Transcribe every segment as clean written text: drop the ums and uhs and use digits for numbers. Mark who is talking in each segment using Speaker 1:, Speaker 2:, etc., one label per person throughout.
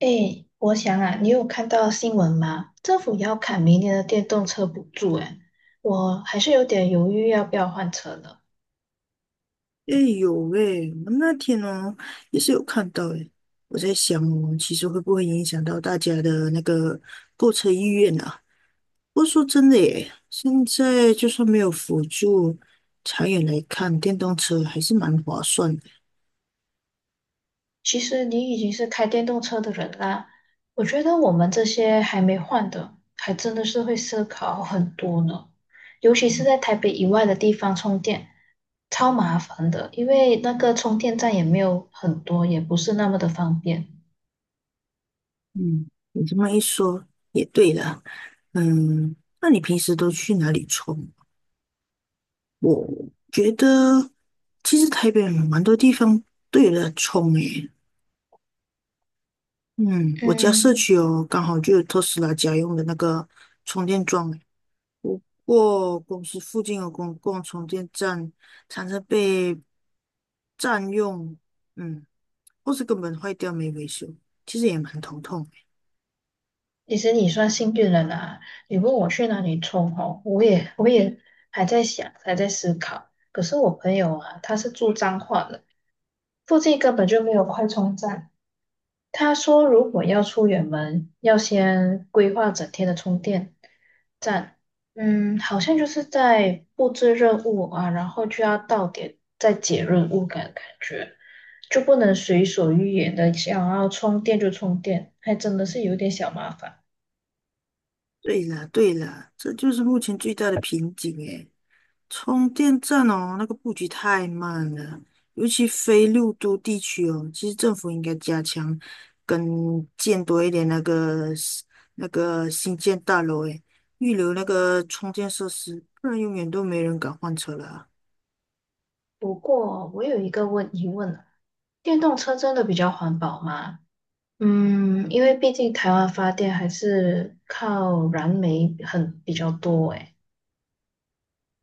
Speaker 1: 哎，我想啊，你有看到新闻吗？政府要砍明年的电动车补助，哎，我还是有点犹豫要不要换车呢。
Speaker 2: 哎有喂，我那天哦也是有看到诶，我在想哦，其实会不会影响到大家的那个购车意愿啊？不过说真的耶，现在就算没有辅助，长远来看，电动车还是蛮划算的。
Speaker 1: 其实你已经是开电动车的人啦，我觉得我们这些还没换的，还真的是会思考很多呢。尤其是在台北以外的地方充电，超麻烦的，因为那个充电站也没有很多，也不是那么的方便。
Speaker 2: 嗯，你这么一说也对啦。嗯，那你平时都去哪里充？我觉得其实台北蛮多地方都有的充诶，嗯，我家社
Speaker 1: 嗯，
Speaker 2: 区哦，刚好就有特斯拉家用的那个充电桩诶不过公司附近有公共充电站，常常被占用，嗯，或是根本坏掉没维修，其实也蛮头痛
Speaker 1: 其实你算幸运了啦！你问我去哪里充哦，我也还在想，还在思考。可是我朋友啊，他是住彰化的，附近根本就没有快充站。他说，如果要出远门，要先规划整天的充电站。嗯，好像就是在布置任务啊，然后就要到点再解任务感觉，就不能随所欲言的想要充电就充电，还真的是有点小麻烦。
Speaker 2: 对啦，对啦，这就是目前最大的瓶颈诶。充电站哦，那个布局太慢了，尤其非六都地区哦，其实政府应该加强跟建多一点那个新建大楼，诶，预留那个充电设施，不然永远都没人敢换车了啊。
Speaker 1: 不过我有一个疑问啊，电动车真的比较环保吗？嗯，因为毕竟台湾发电还是靠燃煤很比较多诶。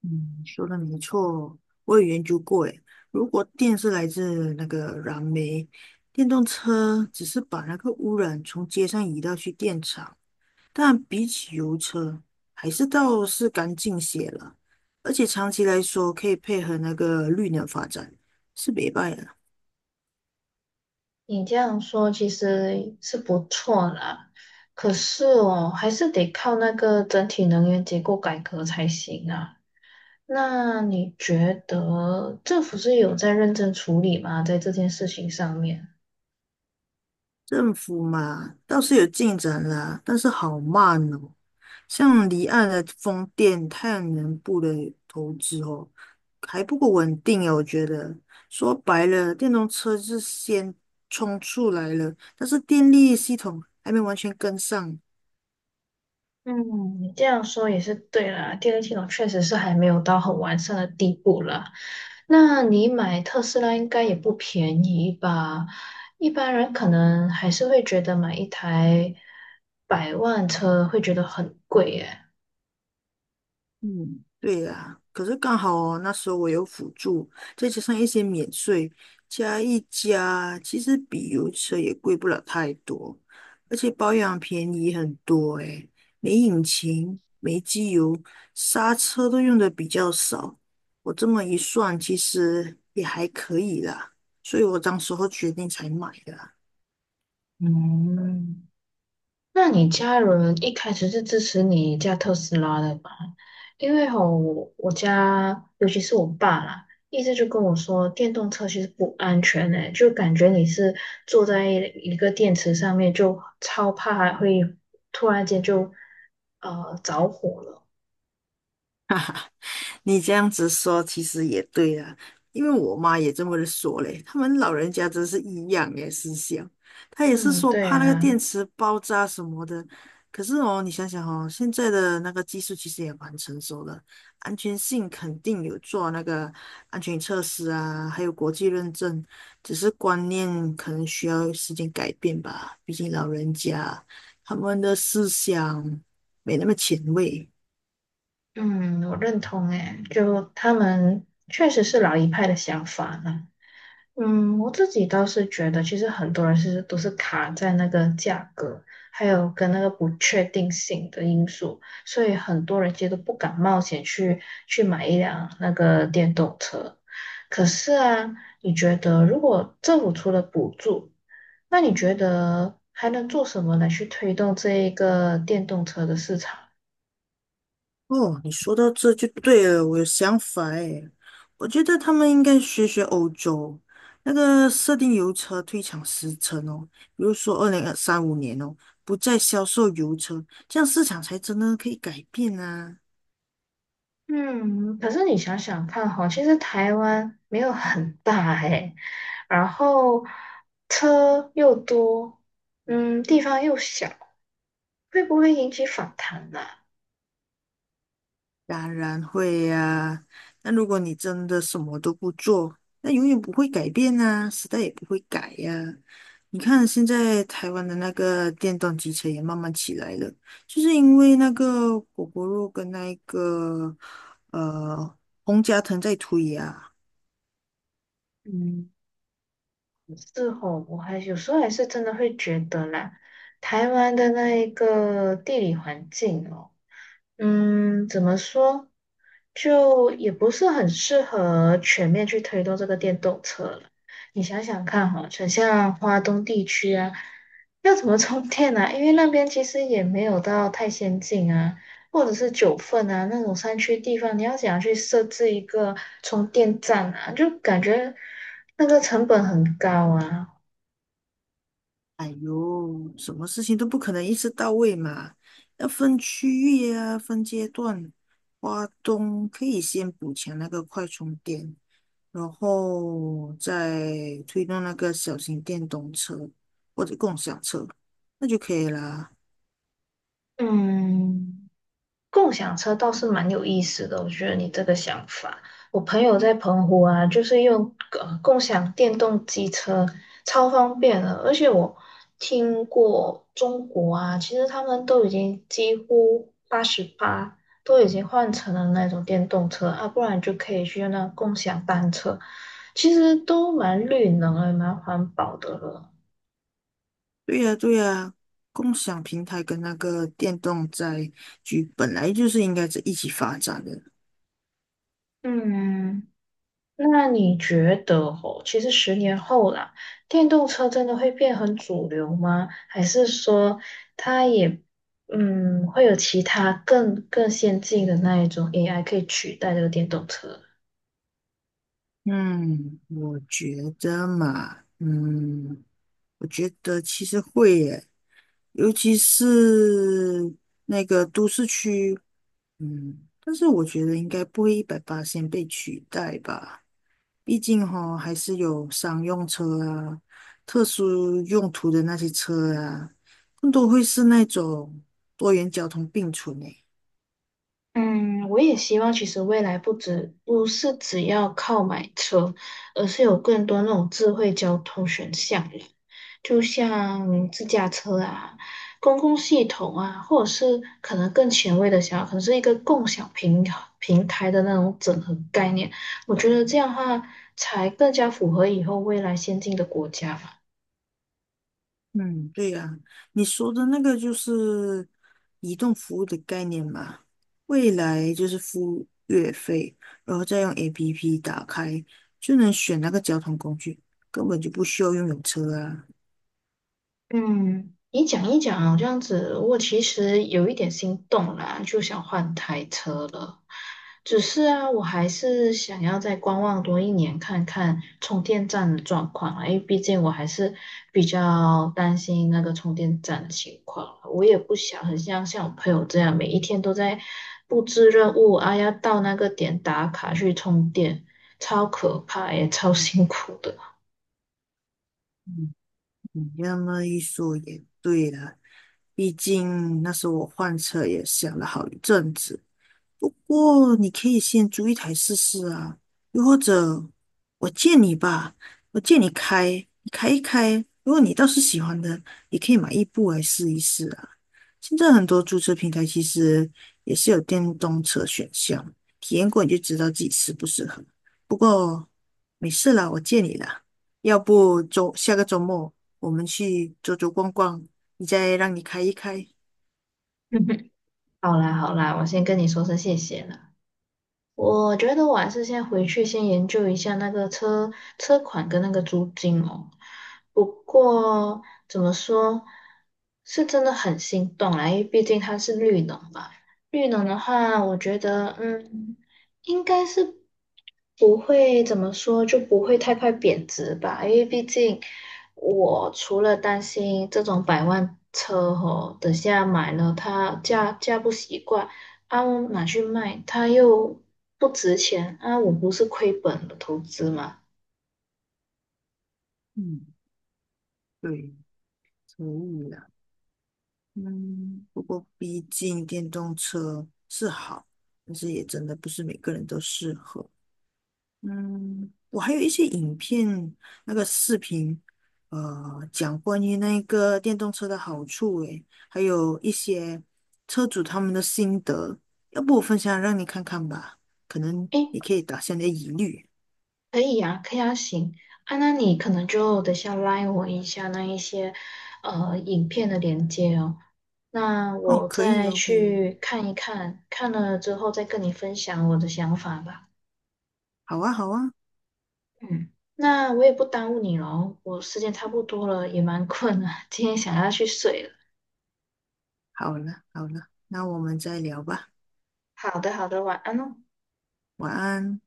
Speaker 2: 嗯，说的没错，我有研究过，诶，如果电是来自那个燃煤，电动车只是把那个污染从街上移到去电厂。但比起油车，还是倒是干净些了，而且长期来说可以配合那个绿能发展，是没败了。
Speaker 1: 你这样说其实是不错啦，可是哦，还是得靠那个整体能源结构改革才行啊。那你觉得政府是有在认真处理吗？在这件事情上面？
Speaker 2: 政府嘛，倒是有进展啦，但是好慢哦。像离岸的风电、太阳能部的投资哦，还不够稳定啊，我觉得。说白了，电动车是先冲出来了，但是电力系统还没完全跟上，
Speaker 1: 嗯，你这样说也是对啦，电力系统确实是还没有到很完善的地步啦。那你买特斯拉应该也不便宜吧？一般人可能还是会觉得买一台百万车会觉得很贵耶。
Speaker 2: 嗯，对呀，可是刚好哦，那时候我有辅助，再加上一些免税，加一加，其实比油车也贵不了太多，而且保养便宜很多诶，没引擎，没机油，刹车都用的比较少，我这么一算，其实也还可以啦，所以我当时候决定才买的。
Speaker 1: 嗯。那你家人一开始是支持你驾特斯拉的吧？因为吼，我我家尤其是我爸啦，一直就跟我说电动车其实不安全诶、就感觉你是坐在一个电池上面，就超怕还会突然间就着火了。
Speaker 2: 你这样子说其实也对啊，因为我妈也这么说嘞，他们老人家真是一样诶思想，她也是
Speaker 1: 嗯，
Speaker 2: 说
Speaker 1: 对
Speaker 2: 怕那个
Speaker 1: 啊，
Speaker 2: 电池爆炸什么的。可是哦，你想想哦，现在的那个技术其实也蛮成熟的，安全性肯定有做那个安全测试啊，还有国际认证，只是观念可能需要时间改变吧，毕竟老人家他们的思想没那么前卫。
Speaker 1: 嗯，我认同诶、就他们确实是老一派的想法啦。嗯，我自己倒是觉得，其实很多人都是卡在那个价格，还有跟那个不确定性的因素，所以很多人其实都不敢冒险去买一辆那个电动车。可是啊，你觉得如果政府出了补助，那你觉得还能做什么来去推动这一个电动车的市场？
Speaker 2: 哦，你说到这就对了，我有想法诶，我觉得他们应该学学欧洲那个设定油车退场时程哦，比如说二零二三五年哦，不再销售油车，这样市场才真的可以改变啊。
Speaker 1: 嗯，可是你想想看哈，其实台湾没有很大诶，然后车又多，嗯，地方又小，会不会引起反弹呢、
Speaker 2: 当然会呀、那如果你真的什么都不做，那永远不会改变啊，时代也不会改呀、你看现在台湾的那个电动机车也慢慢起来了，就是因为那个果果肉跟那个呃洪家腾在推呀、
Speaker 1: 嗯，是哦，我还有时候还是真的会觉得啦，台湾的那一个地理环境哦。嗯，怎么说？就也不是很适合全面去推动这个电动车了。你想想看哈，像花东地区啊，要怎么充电啊？因为那边其实也没有到太先进啊，或者是九份啊那种山区地方，你要怎样去设置一个充电站啊？就感觉那个成本很高啊。
Speaker 2: 哎呦，什么事情都不可能一次到位嘛，要分区域啊，分阶段。花东可以先补强那个快充电。然后再推动那个小型电动车或者共享车，那就可以啦。
Speaker 1: 嗯。共享车倒是蛮有意思的，我觉得你这个想法。我朋友在澎湖啊，就是用共享电动机车，超方便的。而且我听过中国啊，其实他们都已经几乎八十八都已经换成了那种电动车啊，不然就可以去用那共享单车，其实都蛮绿能的，蛮环保的了。
Speaker 2: 对呀，对呀，共享平台跟那个电动载具本来就是应该是一起发展的。
Speaker 1: 嗯。那你觉得哦，其实十年后啦，电动车真的会变很主流吗？还是说它也嗯会有其他更先进的那一种 AI 可以取代这个电动车？
Speaker 2: 嗯，我觉得嘛，嗯，我觉得其实会耶，尤其是那个都市区，嗯，但是我觉得应该不会一百八先被取代吧。毕竟哈、还是有商用车啊、特殊用途的那些车啊，更多会是那种多元交通并存诶。
Speaker 1: 嗯，我也希望，其实未来不是只要靠买车，而是有更多那种智慧交通选项了就像自驾车啊、公共系统啊，或者是可能更前卫的想法，可能是一个共享平台的那种整合概念。我觉得这样的话，才更加符合以后未来先进的国家吧。
Speaker 2: 嗯，对呀、你说的那个就是移动服务的概念嘛，未来就是付月费，然后再用 APP 打开，就能选那个交通工具，根本就不需要拥有车啊。
Speaker 1: 嗯，你讲一讲这样子，我其实有一点心动啦，就想换台车了。只是啊，我还是想要再观望多一年，看看充电站的状况啊，因为毕竟我还是比较担心那个充电站的情况。我也不想很像我朋友这样，每一天都在布置任务啊，要到那个点打卡去充电，超可怕也超辛苦的。
Speaker 2: 嗯，你这么一说也对了。毕竟那时候我换车也想了好一阵子，不过你可以先租一台试试啊，又或者我借你吧，我借你开，你开一开。如果你倒是喜欢的，也可以买一部来试一试啊。现在很多租车平台其实也是有电动车选项，体验过你就知道自己适不适合。不过没事啦，我借你啦。要不周下个周末我们去走走逛逛，你再让你开一开。
Speaker 1: 好啦好啦，我先跟你说声谢谢了。我觉得我还是先回去先研究一下那个车款跟那个租金哦。不过怎么说，是真的很心动啦，因为毕竟它是绿能嘛。绿能的话，我觉得嗯，应该是不会怎么说，就不会太快贬值吧。因为毕竟我除了担心这种百万车哦，等下买了它驾不习惯。啊，我拿去卖，它又不值钱啊，我不是亏本的投资吗？
Speaker 2: 嗯，对，可以啦。嗯，不过毕竟电动车是好，但是也真的不是每个人都适合。嗯，我还有一些影片，那个视频，呃，讲关于那个电动车的好处，诶，还有一些车主他们的心得，要不我分享让你看看吧，可能
Speaker 1: 诶，
Speaker 2: 也可以打消你的疑虑。
Speaker 1: 可以呀、可以啊，行啊，那你可能就等下拉我一下那一些影片的连接哦，那
Speaker 2: 哦，
Speaker 1: 我
Speaker 2: 可以
Speaker 1: 再
Speaker 2: 哦，可以哦
Speaker 1: 去看一看，看了之后再跟你分享我的想法吧。
Speaker 2: 好啊，好啊，
Speaker 1: 嗯，那我也不耽误你喽，我时间差不多了，也蛮困了，今天想要去睡了。
Speaker 2: 好了，好了，那我们再聊吧，
Speaker 1: 好的，好的，晚安哦。
Speaker 2: 晚安。